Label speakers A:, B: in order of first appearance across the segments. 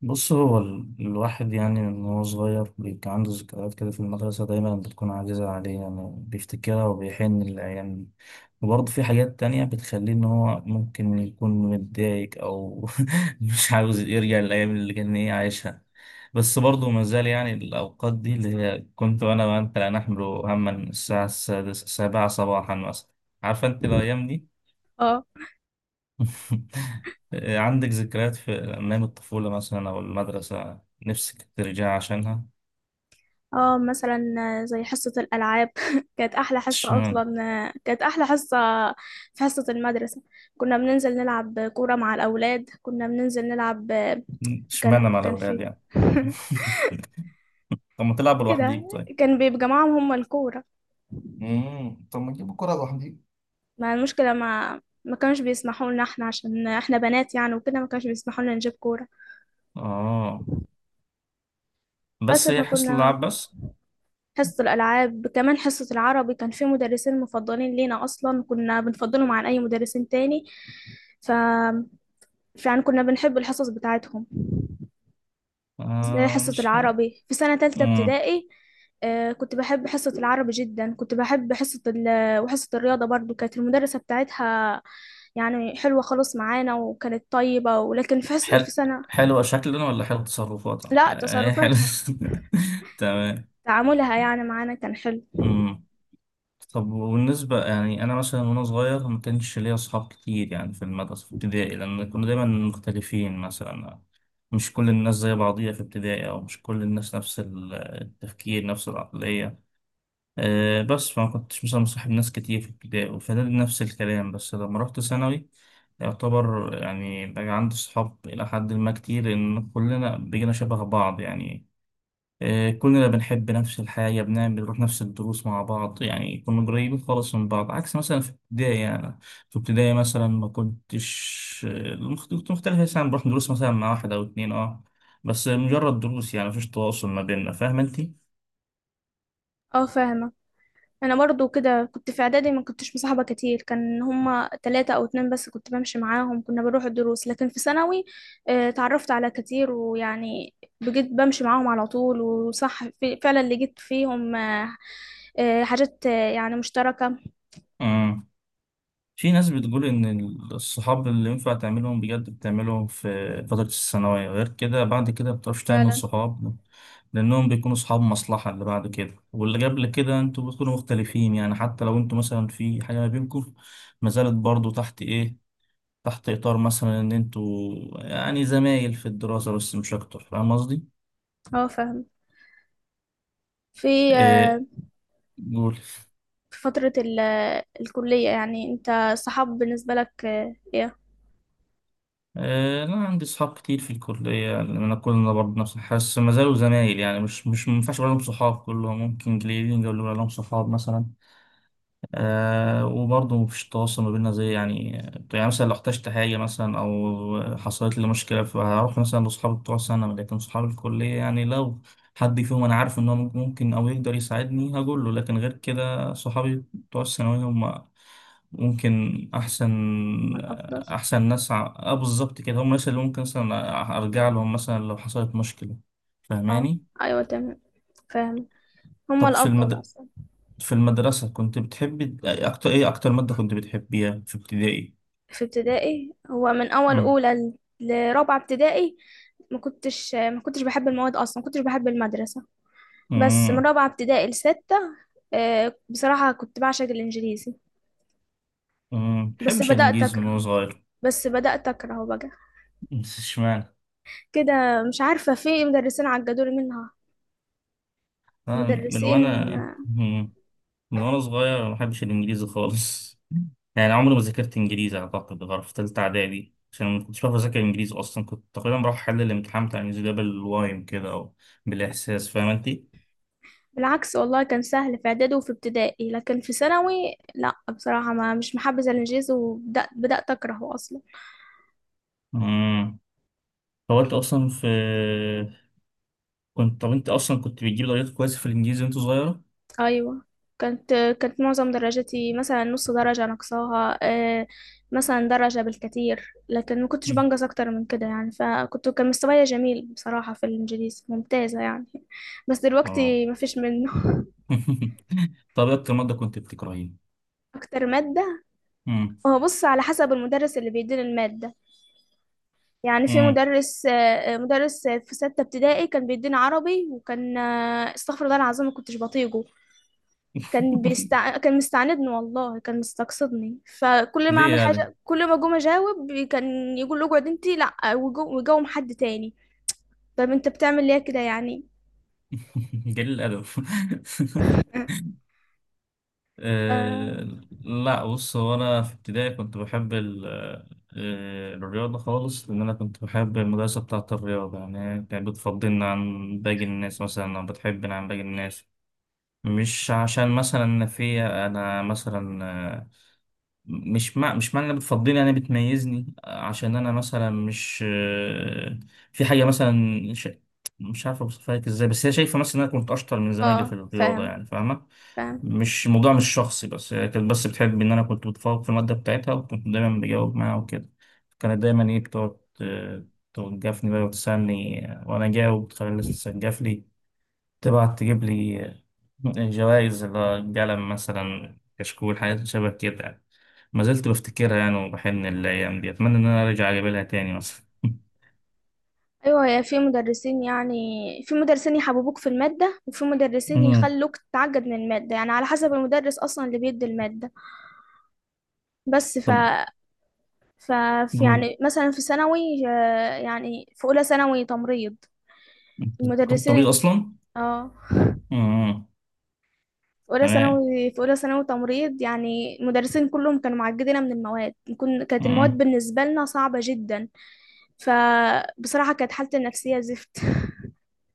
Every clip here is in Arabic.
A: بص، هو الواحد يعني من هو صغير بيبقى عنده ذكريات كده في المدرسة، دايما بتكون عزيزة عليه، يعني بيفتكرها وبيحن للأيام دي. وبرضه في حاجات تانية بتخليه إن هو ممكن يكون متضايق أو مش عاوز يرجع للأيام اللي كان عايشها. بس برضه ما زال يعني الأوقات دي، اللي هي كنت أنا وأنت لا نحمل هما الساعة السادسة السابعة صباحا مثلا. عارفة أنت الأيام دي؟
B: اه،
A: عندك ذكريات في أيام الطفولة مثلا أو المدرسة، نفسك ترجع عشانها؟
B: اه، مثلا زي حصة الألعاب كانت أحلى حصة
A: اشمعنى.
B: أصلا. كانت أحلى حصة في حصة المدرسة. كنا بننزل نلعب كورة مع الأولاد، كنا بننزل نلعب.
A: اشمعنى
B: كان
A: مع
B: كان
A: الأولاد
B: في
A: يعني؟ طب ما تلعب
B: كده.
A: لوحديك طيب.
B: كان بيجمعهم هم الكورة.
A: طب ما تجيب الكرة لوحدي.
B: ما المشكلة، ما كانوش بيسمحوا لنا احنا، عشان احنا بنات يعني وكده ما كانوش بيسمحوا لنا نجيب كورة.
A: آه.
B: بس
A: بس هي حصة
B: فكنا
A: اللعب بس؟
B: حصة الألعاب، كمان حصة العربي كان في مدرسين مفضلين لينا أصلا، كنا بنفضلهم عن أي مدرسين تاني. ف فعلا كنا بنحب الحصص بتاعتهم. زي
A: آه،
B: حصة
A: مش.
B: العربي في سنة تالتة
A: مم.
B: ابتدائي. كنت بحب حصة العربي جدا، كنت بحب وحصة الرياضة برضو، كانت المدرسة بتاعتها يعني حلوة خالص معانا وكانت طيبة، ولكن في
A: حل
B: سنة.
A: حلوة شكلنا ولا حلو تصرفات؟
B: لا،
A: آه، هي حلو.
B: تصرفاتها
A: تمام.
B: تعاملها يعني معانا كان حلو.
A: مم. طب وبالنسبة يعني أنا مثلا وأنا صغير، ما كانش ليا أصحاب كتير يعني في المدرسة في ابتدائي، لأن كنا دايما مختلفين مثلا. مش كل الناس زي بعضيها في ابتدائي، أو مش كل الناس نفس التفكير، نفس العقلية. أه، بس فما كنتش مثلا مصاحب ناس كتير في ابتدائي وفي إعدادي نفس الكلام، بس لما رحت ثانوي يعتبر يعني بقى عندي صحاب إلى حد ما كتير، لأن كلنا بقينا شبه بعض يعني. آه، كلنا بنحب نفس الحاجة، بنعمل بنروح نفس الدروس مع بعض، يعني كنا قريبين خالص من بعض، عكس مثلا في ابتدائي يعني. في ابتدائي مثلا ما كنتش كنت مختلف، مثلا بروح دروس مثلا مع واحد أو اتنين بس مجرد دروس، يعني مفيش تواصل ما بيننا، فاهم انتي؟
B: اه فاهمة. انا برضو كده، كنت في اعدادي ما كنتش مصاحبه كتير، كان هما ثلاثة او اتنين بس، كنت بمشي معاهم، كنا بنروح الدروس، لكن في ثانوي اتعرفت على كتير، ويعني بجد بمشي معاهم على طول وصح. في فعلا لقيت فيهم حاجات يعني مشتركه.
A: في ناس بتقول إن الصحاب اللي ينفع تعملهم بجد بتعملهم في فترة الثانوية، غير كده بعد كده مبتعرفش تعمل
B: فعلا.
A: صحاب. لأنهم بيكونوا صحاب مصلحة، اللي بعد كده واللي قبل كده أنتوا بتكونوا مختلفين، يعني حتى لو أنتوا مثلا في حاجة ما بينكم ما زالت برضه تحت إطار مثلا إن أنتوا يعني زمايل في الدراسة بس، مش أكتر. فاهم قصدي؟
B: اه فاهم. في آه،
A: إيه؟ قول.
B: في فتره الكليه، يعني انت الصحاب بالنسبه لك ايه؟
A: آه، لا، عندي صحاب كتير في الكلية، يعني أنا كلنا برضه نفس، حاسس ما زالوا زمايل، يعني مش ما ينفعش أقول لهم صحاب، كلهم ممكن قليلين أقول لهم صحاب مثلا. آه، وبرضه مفيش تواصل ما بيننا زي يعني. يعني مثلا لو احتجت حاجة مثلا أو حصلت لي مشكلة، فهروح مثلا لأصحابي بتوع سنة، لكن صحاب الكلية يعني لو حد فيهم أنا عارف إن هو ممكن أو يقدر يساعدني هقول له، لكن غير كده صحابي بتوع الثانوية هم ممكن احسن.
B: هما الافضل.
A: احسن ناس بالظبط كده، هم الناس اللي ممكن مثلا ارجع لهم مثلا لو حصلت مشكله.
B: اه
A: فاهماني؟
B: ايوه، تمام، فاهم، هما
A: طب
B: الافضل اصلا.
A: في المدرسه كنت بتحبي اكتر ماده كنت بتحبيها في ابتدائي؟
B: في ابتدائي، هو من اول
A: امم.
B: لرابعه ابتدائي ما كنتش بحب المواد اصلا، ما كنتش بحب المدرسه. بس من
A: امم.
B: رابعه ابتدائي لسته بصراحه كنت بعشق الانجليزي. بس
A: بحبش
B: بدات
A: الانجليزي من
B: اكره
A: وانا صغير.
B: بس بدات اكرهه بقى
A: اشمعنى؟
B: كده. مش عارفه، في مدرسين عجبوني منها.
A: آه، من
B: مدرسين
A: وانا
B: آه،
A: من وانا صغير أنا ما بحبش الانجليزي خالص. يعني عمري ما ذاكرت انجليزي اعتقد غير في ثالثه اعدادي، عشان ما كنتش بعرف اذاكر انجليزي اصلا، كنت تقريبا بروح احل الامتحان بتاع الانجليزي ده بالوايم كده، او بالاحساس. فاهم انت؟
B: بالعكس، والله كان سهل في اعدادي وفي ابتدائي، لكن في ثانوي لا، بصراحه ما مش محبذه الانجليزي، وبدات اكرهه اصلا.
A: امم هو انت اصلا في كنت طب انت اصلا كنت بتجيب درجات كويسه في الانجليزي وانت صغيره؟
B: أيوة. كانت معظم درجتي مثلا نص درجة نقصاها مثلا درجة بالكتير، لكن ما كنتش
A: مم.
B: بنقص أكتر من كده يعني. فكنت كان مستواي جميل بصراحة في الإنجليزي، ممتازة يعني. بس
A: اه.
B: دلوقتي ما فيش منه
A: طب إيه اكتر ماده كنت بتكرهيها؟
B: أكتر مادة،
A: مم.
B: هو بص على حسب المدرس اللي بيدينا المادة. يعني في
A: مم.
B: مدرس، مدرس في ستة ابتدائي كان بيدينا عربي، وكان استغفر الله العظيم، ما كنتش بطيقه. كان مستعندني، والله كان مستقصدني، فكل ما
A: ليه
B: اعمل
A: يعني؟
B: حاجه كل ما جم اجاوب كان يقول له اقعد انت، لا وجوم حد تاني. طب انت بتعمل ليه كده يعني.
A: قليل الادب.
B: اه
A: أه. لا، بص، هو أنا في ابتدائي كنت بحب الرياضة خالص، لأن أنا كنت بحب المدرسة بتاعة الرياضة، يعني هي كانت بتفضلنا عن باقي الناس مثلا، أو بتحبنا عن باقي الناس. مش عشان مثلا أنا فيا، أنا مثلا آه، مش معنى إنها بتفضلني أنا بتميزني عشان أنا مثلا مش في حاجة مثلا ش- مش عارف أوصفها لك إزاي، بس هي شايفة مثلا إن أنا كنت أشطر من زمايلي في الرياضة،
B: فاهم
A: يعني فاهمة.
B: فاهم.
A: مش الموضوع مش شخصي، بس هي كانت بس بتحب ان انا كنت بتفوق في الماده بتاعتها، وكنت دايما بجاوب معاها وكده. كانت دايما بتقعد توجفني بقى وتسالني وانا جاوب، تخلي الناس تسجف لي، تبعت تجيب لي جوائز اللي هو قلم مثلا، كشكول، حاجات شبه كده يعني. ما زلت بفتكرها يعني وبحن الايام دي، اتمنى ان انا ارجع اجيب لها تاني مثلا.
B: ايوه، يا في مدرسين يعني، في مدرسين يحببوك في الماده، وفي مدرسين
A: مم.
B: يخلوك تتعقد من الماده، يعني على حسب المدرس اصلا اللي بيدي الماده. بس ف
A: طب.
B: ف في
A: جود.
B: يعني مثلا في ثانوي يعني في اولى ثانوي تمريض.
A: انت دخلت
B: المدرسين
A: طبيب
B: ال-
A: اصلا؟
B: اه،
A: مم. تمام.
B: في اولى ثانوي تمريض، يعني المدرسين كلهم كانوا معجبين من المواد، كانت المواد
A: مم.
B: بالنسبه لنا صعبه جدا. فبصراحه كانت حالتي النفسيه زفت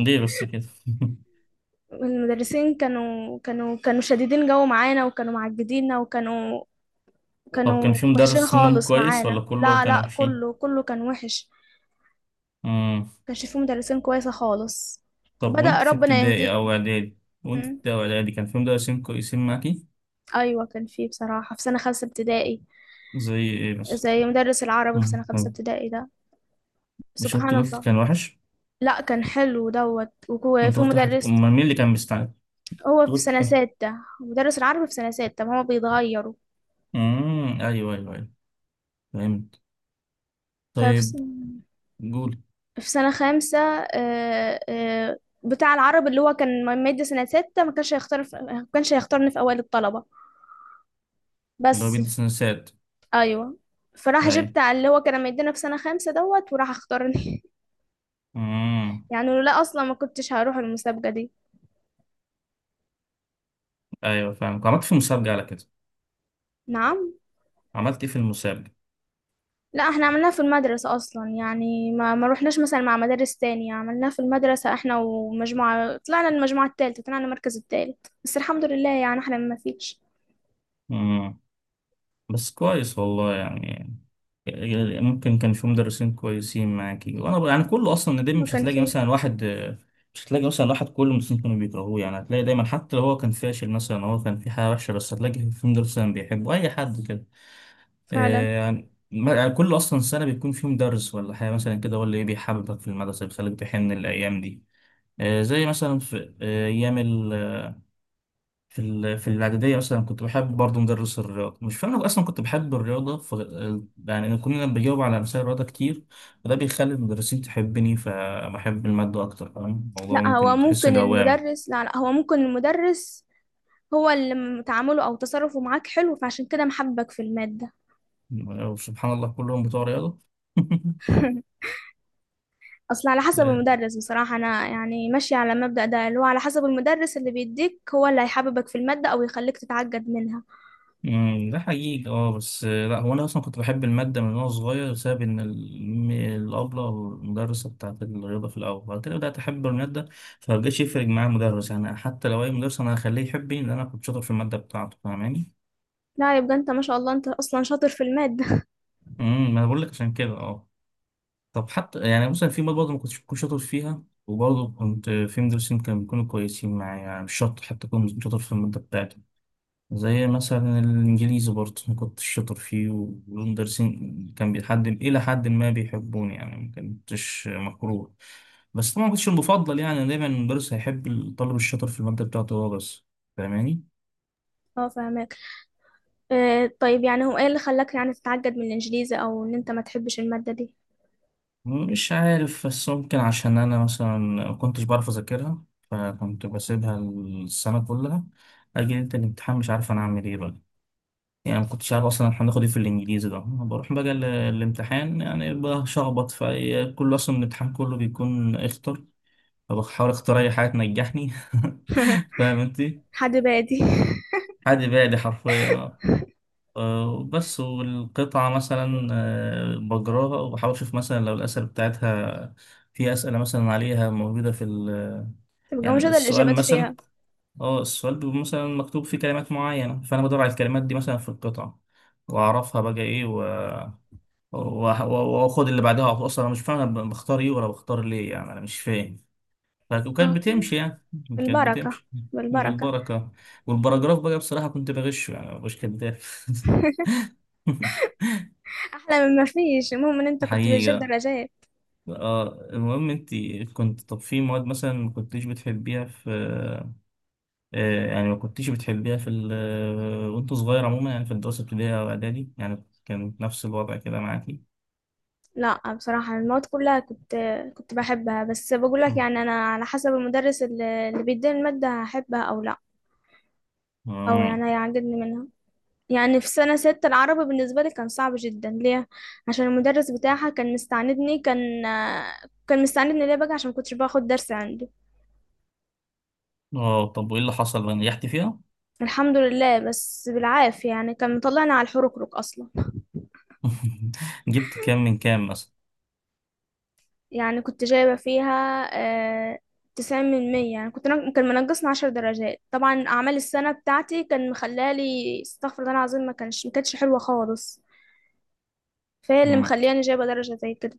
A: ليه بس كده؟
B: المدرسين كانوا شديدين، جو معانا وكانوا معجبيننا وكانوا،
A: طب كان
B: كانوا
A: في
B: وحشين
A: مدرس منهم
B: خالص
A: كويس ولا
B: معانا.
A: كله
B: لا
A: كانوا
B: لا،
A: وحشين؟
B: كله كان وحش.
A: امم.
B: كانش فيه مدرسين كويسه خالص.
A: طب
B: بدأ ربنا يهديهم.
A: وانت في
B: م.
A: ابتدائي او اعدادي كان في مدرسين كويسين معاكي؟
B: ايوه كان فيه بصراحه في سنه خمسه ابتدائي،
A: زي ايه بس؟
B: زي مدرس العربي في سنه خمسه
A: طب
B: ابتدائي ده.
A: مش انت
B: سبحان
A: قلت
B: الله.
A: كان وحش؟
B: لا كان حلو دوت، وهو
A: انت
B: في
A: قلت حد،
B: مدرس.
A: امال مين اللي كان مستعد؟ انت
B: هو في
A: قلت
B: سنة
A: كان.
B: ستة، مدرس العربي في سنة ستة، ما هو بيتغيروا.
A: امم، ايوه ايوه ايوه، فهمت.
B: ففي س-
A: طيب. جول.
B: في سنة خامسة بتاع العربي اللي هو كان مادة سنة ستة، ما كانش هيختارني في أوائل الطلبة.
A: اللي هو
B: بس
A: بيدرس نسات.
B: أيوه، فراح
A: ايوه.
B: جبت على اللي هو كان مدينا في سنة خامسة دوت، وراح اختارني
A: امم
B: يعني لولا أصلا ما كنتش هروح المسابقة دي.
A: ايوه، فاهم. عملت في المسابقة على كده؟
B: نعم.
A: عملت ايه في المسابقة؟
B: لا احنا عملناها في المدرسة اصلا يعني، ما روحناش مثلا مع مدارس تانية، عملناها في المدرسة احنا ومجموعة، طلعنا المجموعة التالتة، طلعنا المركز التالت، بس الحمد لله يعني احنا ما فيش.
A: امم بس كويس والله يعني. يعني ممكن كان في مدرسين كويسين معاكي، وانا يعني كله اصلا ندم.
B: ما كان فيه.
A: مش هتلاقي مثلا واحد كل المدرسين كانوا بيكرهوه، يعني هتلاقي دايما، حتى لو هو كان فاشل مثلا، هو كان في حاجه وحشه، بس هتلاقي في مدرس مثلا بيحبه اي حد كده.
B: فعلا.
A: آه، يعني يعني كل اصلا سنه بيكون في مدرس ولا حاجه مثلا كده، هو اللي بيحببك في المدرسه، بيخليك تحن الايام دي. آه، زي مثلا في ايام في في الاعداديه اصلا كنت بحب برضه مدرس الرياضه، مش فاهم أنا اصلا كنت بحب الرياضه. يعني أنا كنا بجاوب على مسائل الرياضه كتير، فده بيخلي المدرسين تحبني، فبحب الماده اكتر. فاهم الموضوع؟
B: لا هو
A: ممكن تحس
B: ممكن
A: دوامي.
B: المدرس لا لا هو ممكن المدرس هو تعامله او تصرفه معاك حلو، فعشان كده محبك في المادة.
A: سبحان الله، كلهم بتوع رياضه.
B: اصل على حسب المدرس بصراحة، انا يعني ماشية على المبدأ ده اللي هو على حسب المدرس اللي بيديك، هو اللي هيحببك في المادة او يخليك تتعجب منها.
A: ده حقيقي، اه، بس لا، هو انا اصلا كنت بحب الماده من وانا صغير، بسبب ان الابله أو المدرسه بتاعت الرياضه في الاول، بعد كده بدات احب الماده. فمبقاش يفرق معايا المدرس، يعني حتى لو اي مدرس انا هخليه يحبني، لان انا كنت شاطر في الماده بتاعته. فاهماني؟
B: لا، يبقى انت ما شاء الله، انت اصلا شاطر في المادة
A: ما انا بقول لك عشان كده، اه. طب حتى يعني مثلا في مواد برضه ما كنتش بكون شاطر فيها، وبرضه كنت في مدرسين كانوا بيكونوا كويسين معايا، يعني مش شرط حتى اكون شاطر في الماده بتاعتي. زي مثلا الإنجليزي برضه أنا كنت شاطر فيه، والمدرسين كان بيحد إلى حد ما بيحبوني، يعني ما كنتش مكروه. بس طبعا ما كنتش المفضل، يعني دايما المدرس هيحب الطالب الشاطر في المادة بتاعته هو بس. فاهماني؟
B: اه فاهمك. آه طيب، يعني هو ايه اللي خلاك يعني تتعقد من الانجليزي، او ان انت ما تحبش المادة دي؟
A: مش عارف، بس ممكن عشان أنا مثلا ما كنتش بعرف أذاكرها، فكنت بسيبها السنة كلها. أجي ليلة الامتحان، مش عارف أنا أعمل إيه بقى. يعني ما كنتش عارف اصلا احنا هناخد ايه في الانجليزي ده. أنا بروح بقى الامتحان، يعني بشخبط في كله، اصلا الامتحان كله بيكون اختر، فبحاول اختار اي حاجه تنجحني. فاهم انت.
B: حد بادي.
A: حد بعدي حرفيا. آه، بس والقطعه مثلا بجراها وبحاول اشوف مثلا لو الاسئله بتاعتها، في اسئله مثلا عليها موجوده في.
B: تبقى
A: يعني
B: مش هذا
A: السؤال
B: الاجابات
A: مثلا،
B: فيها.
A: اه السؤال بيبقى مثلا مكتوب فيه كلمات معينه، فانا بدور على الكلمات دي مثلا في القطعه، واعرفها بقى ايه. واخد اللي بعدها، اصلا انا مش فاهم انا بختار ايه ولا بختار ليه، يعني انا مش فاهم. وكانت
B: آه،
A: بتمشي يعني. كانت
B: بالبركة.
A: بتمشي.
B: بالبركة.
A: بالبركه. والبراجراف بقى بصراحه كنت بغشه، يعني مش كداب.
B: احلى من ما فيش، المهم ان انت كنت بتجيب
A: حقيقة.
B: درجات.
A: اه، المهم انت كنت. طب في مواد مثلا ما كنتيش بتحبيها في آه يعني ما كنتيش بتحبيها في ال آه، وانت صغير عموما، يعني في الدراسة الابتدائية او اعدادي، يعني كان نفس الوضع كده معاكي؟
B: لا بصراحة المواد كلها كنت بحبها، بس بقول لك
A: مم.
B: يعني، انا على حسب المدرس اللي بيديني المادة هحبها او لا، او
A: مم.
B: يعني هيعجبني منها. يعني في سنة ستة العربي بالنسبة لي كان صعب جدا. ليه؟ عشان المدرس بتاعها كان مستعندني، كان مستعندني. ليه بقى؟ عشان كنتش باخد درس عنده.
A: اه، طب وايه اللي حصل بقى، نجحتي فيها؟
B: الحمد لله، بس بالعافية يعني، كان مطلعني على الحركرك أصلا.
A: جبت كام من كام مثلا؟
B: يعني كنت جايبة فيها آه، 90 من 100. يعني كنت كان منقصني 10 درجات. طبعا أعمال السنة بتاعتي كان مخلالي استغفر الله العظيم، ما كانتش حلوة خالص. فهي اللي
A: مم.
B: مخلياني جايبة درجة زي كده.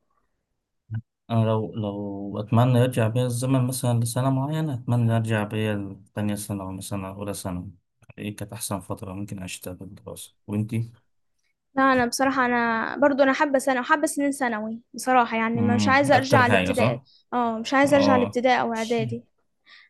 A: أنا لو أتمنى يرجع بيا الزمن مثلا لسنة معينة، أتمنى أرجع بيا لتانية سنة، أو مثلا أولى سنة. إيه كانت أحسن فترة ممكن أعيشها في الدراسة وإنتي؟
B: لا انا بصراحه، انا برضو انا حابه سنه وحابه سنين ثانوي بصراحه يعني، مش
A: مم.
B: عايزه
A: أكتر
B: ارجع
A: حاجة،
B: لابتدائي.
A: صح؟
B: اه مش عايزه ارجع
A: آه.
B: لابتدائي او اعدادي.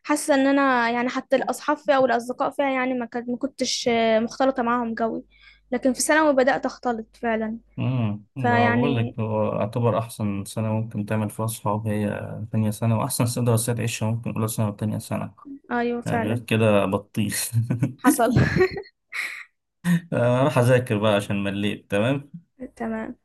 B: حاسه ان انا يعني حتى الاصحاب فيها او الاصدقاء فيها يعني ما كنتش مختلطه معاهم قوي، لكن في ثانوي بدات اختلط فعلا.
A: ده بقول
B: فيعني
A: لك هو اعتبر احسن سنه ممكن تعمل فيها صحاب، هي تانية سنه. واحسن سنه دراسيه تعيشها ممكن اولى سنه وتانية سنه.
B: ايوه
A: يعني غير
B: فعلا
A: كده بطيخ.
B: حصل
A: اروح اذاكر بقى عشان مليت. تمام.
B: تمام.